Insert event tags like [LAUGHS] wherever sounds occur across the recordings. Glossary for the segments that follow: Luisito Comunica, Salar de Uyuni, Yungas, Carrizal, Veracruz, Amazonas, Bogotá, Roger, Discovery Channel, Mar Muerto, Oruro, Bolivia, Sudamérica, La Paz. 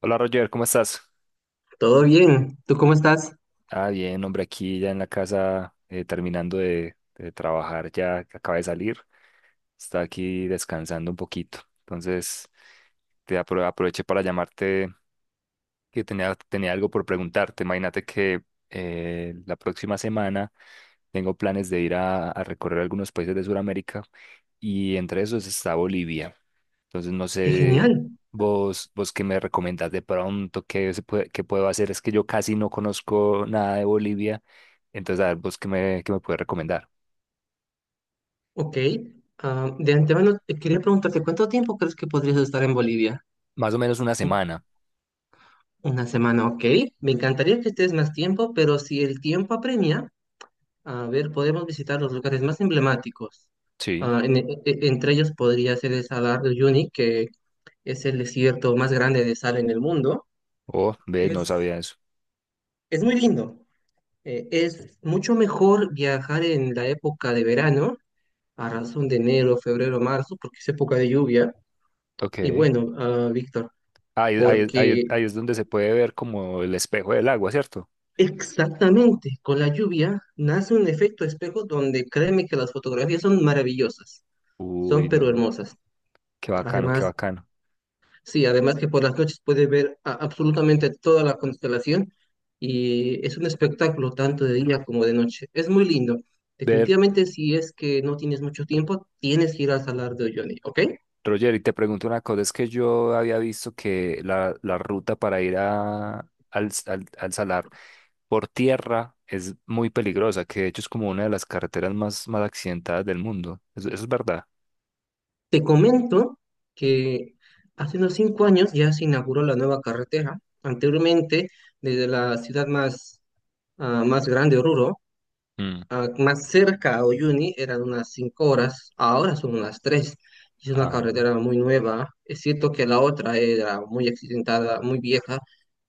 Hola Roger, ¿cómo estás? Todo bien. ¿Tú cómo estás? Ah, bien, hombre, aquí ya en la casa terminando de trabajar, ya que acabé de salir, está aquí descansando un poquito. Entonces, aproveché para llamarte que tenía algo por preguntarte. Imagínate que la próxima semana tengo planes de ir a recorrer algunos países de Sudamérica y entre esos está Bolivia. Entonces no Qué sé genial. vos qué me recomendás de pronto, qué, se puede, qué puedo hacer. Es que yo casi no conozco nada de Bolivia. Entonces a ver vos qué me puedes recomendar. Ok. De antemano, te quería preguntarte, ¿cuánto tiempo crees que podrías estar en Bolivia? Más o menos una U- semana. Una semana, ok. Me encantaría que estés más tiempo, pero si el tiempo apremia, a ver, podemos visitar los lugares más emblemáticos. Sí. Entre ellos podría ser el Salar de Uyuni, que es el desierto más grande de sal en el mundo. Oh, ve, no Es, sabía eso. es muy lindo. Es mucho mejor viajar en la época de verano a razón de enero, febrero, marzo, porque es época de lluvia. Y Ok. bueno, Víctor, Ahí, ahí, ahí, porque ahí es donde se puede ver como el espejo del agua, ¿cierto? exactamente con la lluvia nace un efecto espejo donde créeme que las fotografías son maravillosas, son Uy, pero no, hermosas. qué bacano, qué Además, bacano. sí, además que por las noches puedes ver absolutamente toda la constelación y es un espectáculo tanto de día como de noche. Es muy lindo. Ver, Definitivamente, si es que no tienes mucho tiempo, tienes que ir al Salar de Uyuni, ¿ok? Roger, y te pregunto una cosa, es que yo había visto que la ruta para ir a, al Salar por tierra es muy peligrosa, que de hecho es como una de las carreteras más accidentadas del mundo. Eso es verdad? Te comento que hace unos 5 años ya se inauguró la nueva carretera. Anteriormente, desde la ciudad más grande, Oruro, Mm. Más cerca a Oyuni, eran unas 5 horas, ahora son unas tres. Es una Ah, carretera muy nueva. Es cierto que la otra era muy accidentada, muy vieja,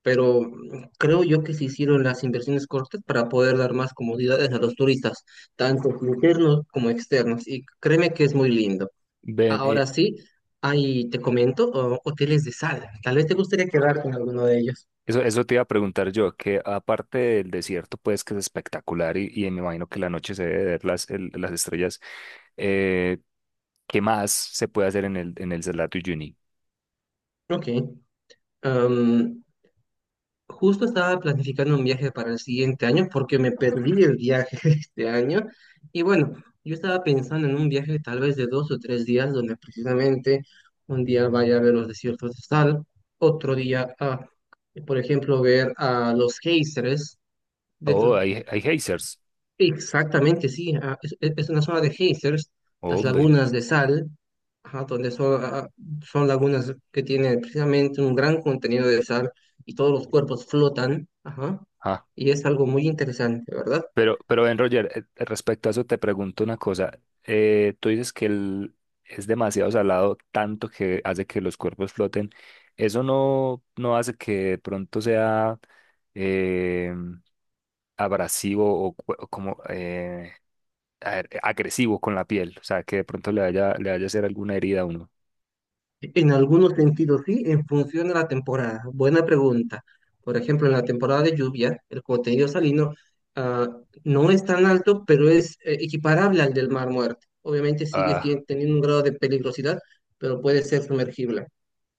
pero creo yo que se hicieron las inversiones cortas para poder dar más comodidades a los turistas, tanto internos como externos. Y créeme que es muy lindo. ven, Ahora sí, ahí te comento, oh, hoteles de sal. Tal vez te gustaría quedar con alguno de ellos. Eso te iba a preguntar yo, que aparte del desierto, pues que es espectacular y me imagino que la noche se debe ver las estrellas, eh, ¿qué más se puede hacer en en el Salar de Uyuni? Ok. Am, Justo estaba planificando un viaje para el siguiente año porque me perdí el viaje [LAUGHS] este año. Y bueno, yo estaba pensando en un viaje tal vez de 2 o 3 días donde precisamente un día vaya a ver los desiertos de sal, otro día, a, por ejemplo, ver a los géiseres dentro. Oh, hay hazers. Exactamente, sí. Es una zona de geysers, las Hombre. lagunas de sal, ajá, donde son lagunas que tienen precisamente un gran contenido de sal y todos los cuerpos flotan, ajá, Ah, y es algo muy interesante, ¿verdad? Pero Ben Roger, respecto a eso te pregunto una cosa. Tú dices que el, es demasiado salado, tanto que hace que los cuerpos floten. ¿Eso no hace que de pronto sea eh, abrasivo o, cu- o como a ver, agresivo con la piel? O sea, que de pronto le vaya a hacer alguna herida a uno. En algunos sentidos sí, en función de la temporada. Buena pregunta. Por ejemplo, en la temporada de lluvia, el contenido salino ah, no es tan alto, pero es equiparable al del mar muerto. Obviamente sigue Ah, teniendo un grado de peligrosidad, pero puede ser sumergible.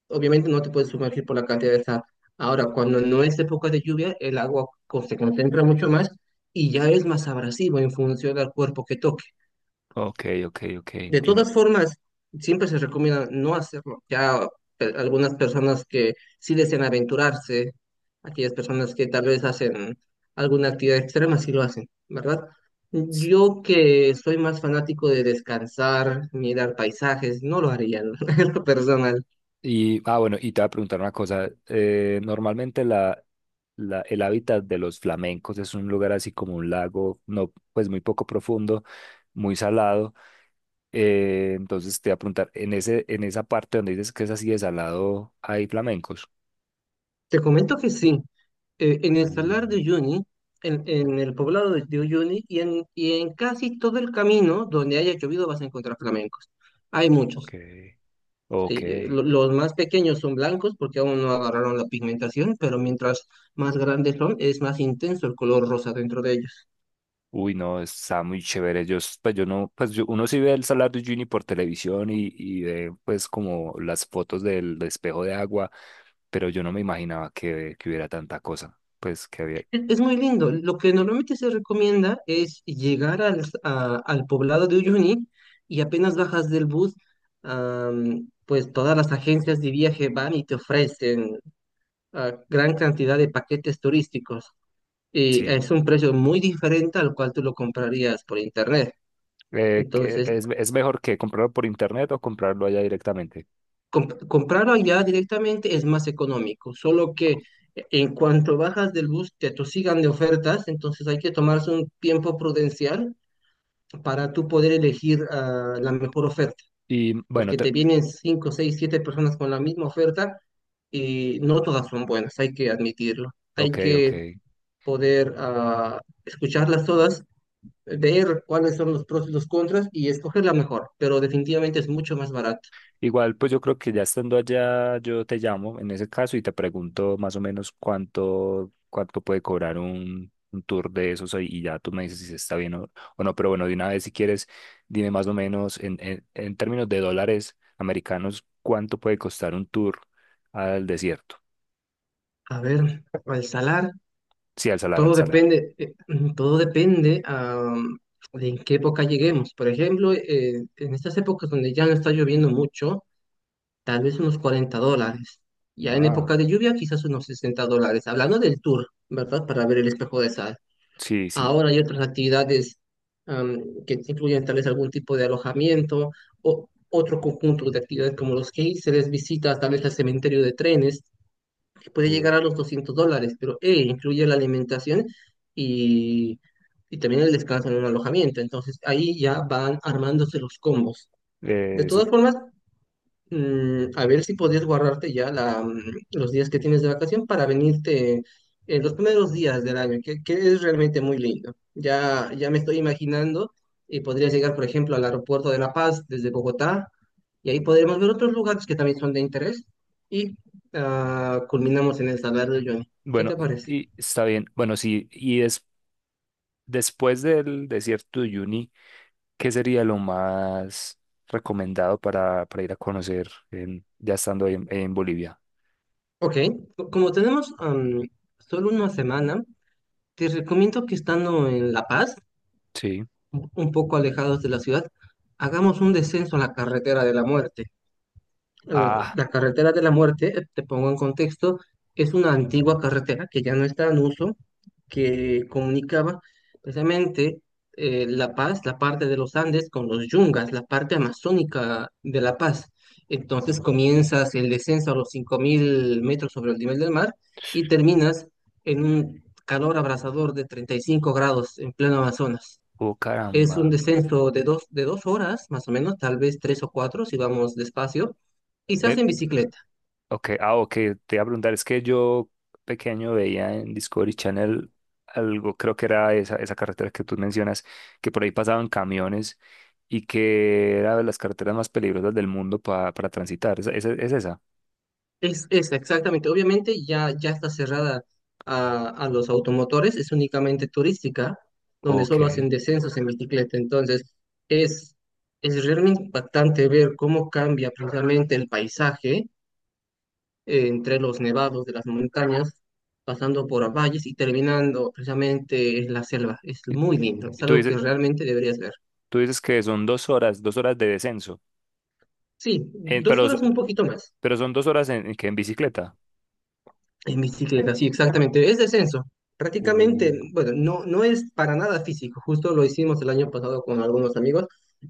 Obviamente no te puedes sumergir por la cantidad de sal. Ahora, cuando no es época de lluvia, el agua se concentra mucho más y ya es más abrasivo en función del cuerpo que toque. ok, ok, ok, De entiendo. todas formas, siempre se recomienda no hacerlo. Ya algunas personas que sí desean aventurarse, aquellas personas que tal vez hacen alguna actividad extrema, sí lo hacen, ¿verdad? Yo que soy más fanático de descansar, mirar paisajes, no lo haría [LAUGHS] en lo personal. Y, ah, bueno, y te voy a preguntar una cosa. Normalmente el hábitat de los flamencos es un lugar así como un lago, no, pues muy poco profundo, muy salado. Entonces te voy a preguntar, en esa parte donde dices que es así de salado, ¿hay flamencos? Te comento que sí. En el Salar de Mm, Uyuni, en el poblado de Uyuni y en casi todo el camino donde haya llovido vas a encontrar flamencos. Hay ok, muchos. Sí, ok. Los más pequeños son blancos porque aún no agarraron la pigmentación, pero mientras más grandes son, es más intenso el color rosa dentro de ellos. Uy, no, está muy chévere. Yo, s- pues yo no, pues yo- Uno sí ve el Salar de Uyuni por televisión y ve pues como las fotos del espejo de agua, pero yo no me imaginaba que hubiera tanta cosa. Pues que había, Es muy lindo. Lo que normalmente se recomienda es llegar al poblado de Uyuni y apenas bajas del bus, pues todas las agencias de viaje van y te ofrecen gran cantidad de paquetes turísticos. Y sí. es un precio muy diferente al cual tú lo comprarías por internet. Que Entonces, es mejor que comprarlo por internet o comprarlo allá directamente? Comprarlo allá directamente es más económico, solo que en cuanto bajas del bus te atosigan de ofertas, entonces hay que tomarse un tiempo prudencial para tú poder elegir la mejor oferta, Y bueno, porque te te- vienen 5 6 7 personas con la misma oferta y no todas son buenas, hay que admitirlo. Hay ok, ok. que poder escucharlas todas, ver cuáles son los pros y los contras y escoger la mejor, pero definitivamente es mucho más barato. Igual, pues yo creo que ya estando allá, yo te llamo en ese caso y te pregunto más o menos cuánto puede cobrar un tour de esos ahí, y ya tú me dices si está bien o no. Pero bueno, de una vez, si quieres, dime más o menos en términos de dólares americanos, cuánto puede costar un tour al desierto. A ver, al salar. Sí, al salar, al Todo salar. depende, [CLEARS THROAT] todo depende de en qué época lleguemos. Por ejemplo, en estas épocas donde ya no está lloviendo mucho, tal vez unos $40. Ya en Ah, época de lluvia, quizás unos $60. Hablando del tour, ¿verdad? Para ver el espejo de sal. sí, sí. Ahora hay otras actividades am, que incluyen tal vez algún tipo de alojamiento o otro conjunto de actividades como los que hice, les visitas, tal vez al cementerio de trenes que puede Uh, llegar a los $200, pero incluye la alimentación y, y también el descanso en un alojamiento. Entonces ahí ya van armándose los combos. De eso. todas formas, a ver si podías guardarte ya los días que tienes de vacación para venirte en los primeros días del año, que es realmente muy lindo. Ya, ya me estoy imaginando y podrías llegar, por ejemplo, al aeropuerto de La Paz desde Bogotá y ahí podremos ver otros lugares que también son de interés y culminamos en el Salar de Uyuni. ¿Qué Bueno, te parece? Y está bien. Bueno, sí, y es, después del desierto de Uyuni. ¿Qué sería lo más recomendado para ir a conocer en- ya estando ahí en Bolivia? Ok, como tenemos solo una semana, te recomiendo que estando en La Paz, Sí. un poco alejados de la ciudad, hagamos un descenso a la carretera de la muerte. eh, Ah, la carretera de la muerte, te pongo en contexto, es una antigua carretera que ya no está en uso, que comunicaba precisamente La Paz, la parte de los Andes, con los Yungas, la parte amazónica de La Paz. Entonces comienzas el descenso a los 5.000 metros sobre el nivel del mar y terminas en un calor abrasador de 35 grados en pleno Amazonas. oh Es un caramba. descenso de dos horas, más o menos, tal vez tres o cuatro, si vamos despacio, y se Ve, hace en bicicleta. ok, ok, te iba a preguntar, es que yo pequeño veía en Discovery Channel algo, creo que era esa, esa carretera que tú mencionas, que por ahí pasaban camiones y que era de las carreteras más peligrosas del mundo pa- para transitar. Es esa? Es exactamente. Obviamente ya, ya está cerrada a los automotores, es únicamente turística, donde Ok. solo hacen descensos en bicicleta. Entonces, es, es realmente impactante ver cómo cambia precisamente el paisaje entre los nevados de las montañas, pasando por valles y terminando precisamente en la selva. Es muy lindo, es Y algo que realmente deberías ver. tú dices que son 2 horas, 2 horas de descenso. Sí, En- dos pero, s- horas un poquito más pero son dos horas en que en bicicleta. en bicicleta, sí, exactamente. Es descenso. Prácticamente, Uh, bueno, no, no es para nada físico. Justo lo hicimos el año pasado con algunos amigos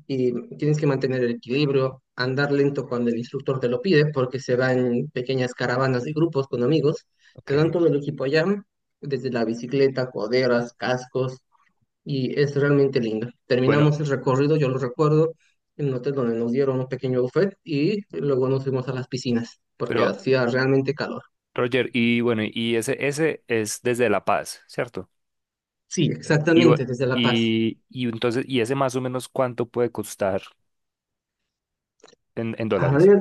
y tienes que mantener el equilibrio, andar lento cuando el instructor te lo pide, porque se van pequeñas caravanas de grupos con amigos. Te dan ok. todo el equipo allá, desde la bicicleta, coderas, cascos, y es realmente linda. Bueno, Terminamos el recorrido, yo lo recuerdo, en un hotel donde nos dieron un pequeño buffet y luego nos fuimos a las piscinas porque pero hacía realmente calor. Roger, y bueno, y ese es desde La Paz, ¿cierto? Sí, Y, bu- exactamente, desde La Paz. Y entonces, ¿y ese más o menos cuánto puede costar en A dólares? ver,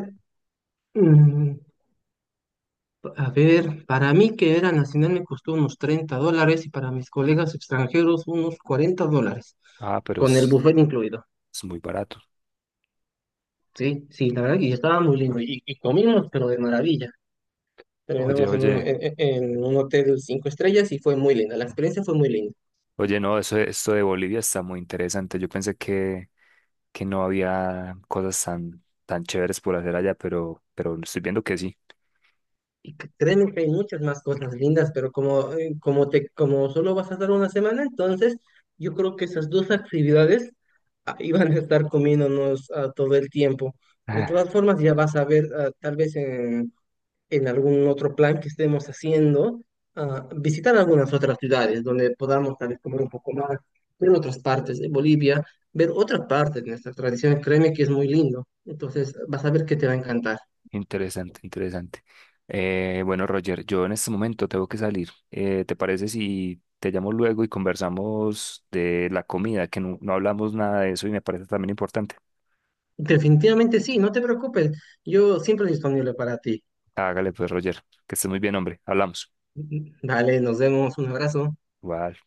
mm, para mí que era nacional me costó unos $30 y para mis colegas extranjeros unos $40, Ah, pero con el buffet incluido. es muy barato. Sí, sí, la verdad que estaba muy lindo y comimos, pero de maravilla. Oye, Terminamos en oye, un hotel cinco estrellas y fue muy linda. La experiencia fue muy linda. oye, no, eso, esto de Bolivia está muy interesante. Yo pensé que no había cosas tan, tan chéveres por hacer allá, pero estoy viendo que sí. Y créeme que hay muchas más cosas lindas, pero como solo vas a estar una semana, entonces yo creo que esas dos actividades iban a estar comiéndonos todo el tiempo. De [LAUGHS] todas formas, ya vas a ver, ah, tal vez en, algún otro plan que estemos haciendo, visitar algunas otras ciudades donde podamos tal vez comer un poco más, ver otras partes de Bolivia, ver otras partes de nuestras tradiciones. Créeme que es muy lindo. Entonces vas a ver que te va a encantar. Interesante, interesante. Bueno, Roger, yo en este momento tengo que salir. ¿Te parece si te llamo luego y conversamos de la comida? Que no, no hablamos nada de eso y me parece también importante. Definitivamente sí, no te preocupes. Yo siempre disponible para ti. Hágale pues, Roger, que estés muy bien, hombre. Hablamos. Vale, nos vemos. Un abrazo. Igual.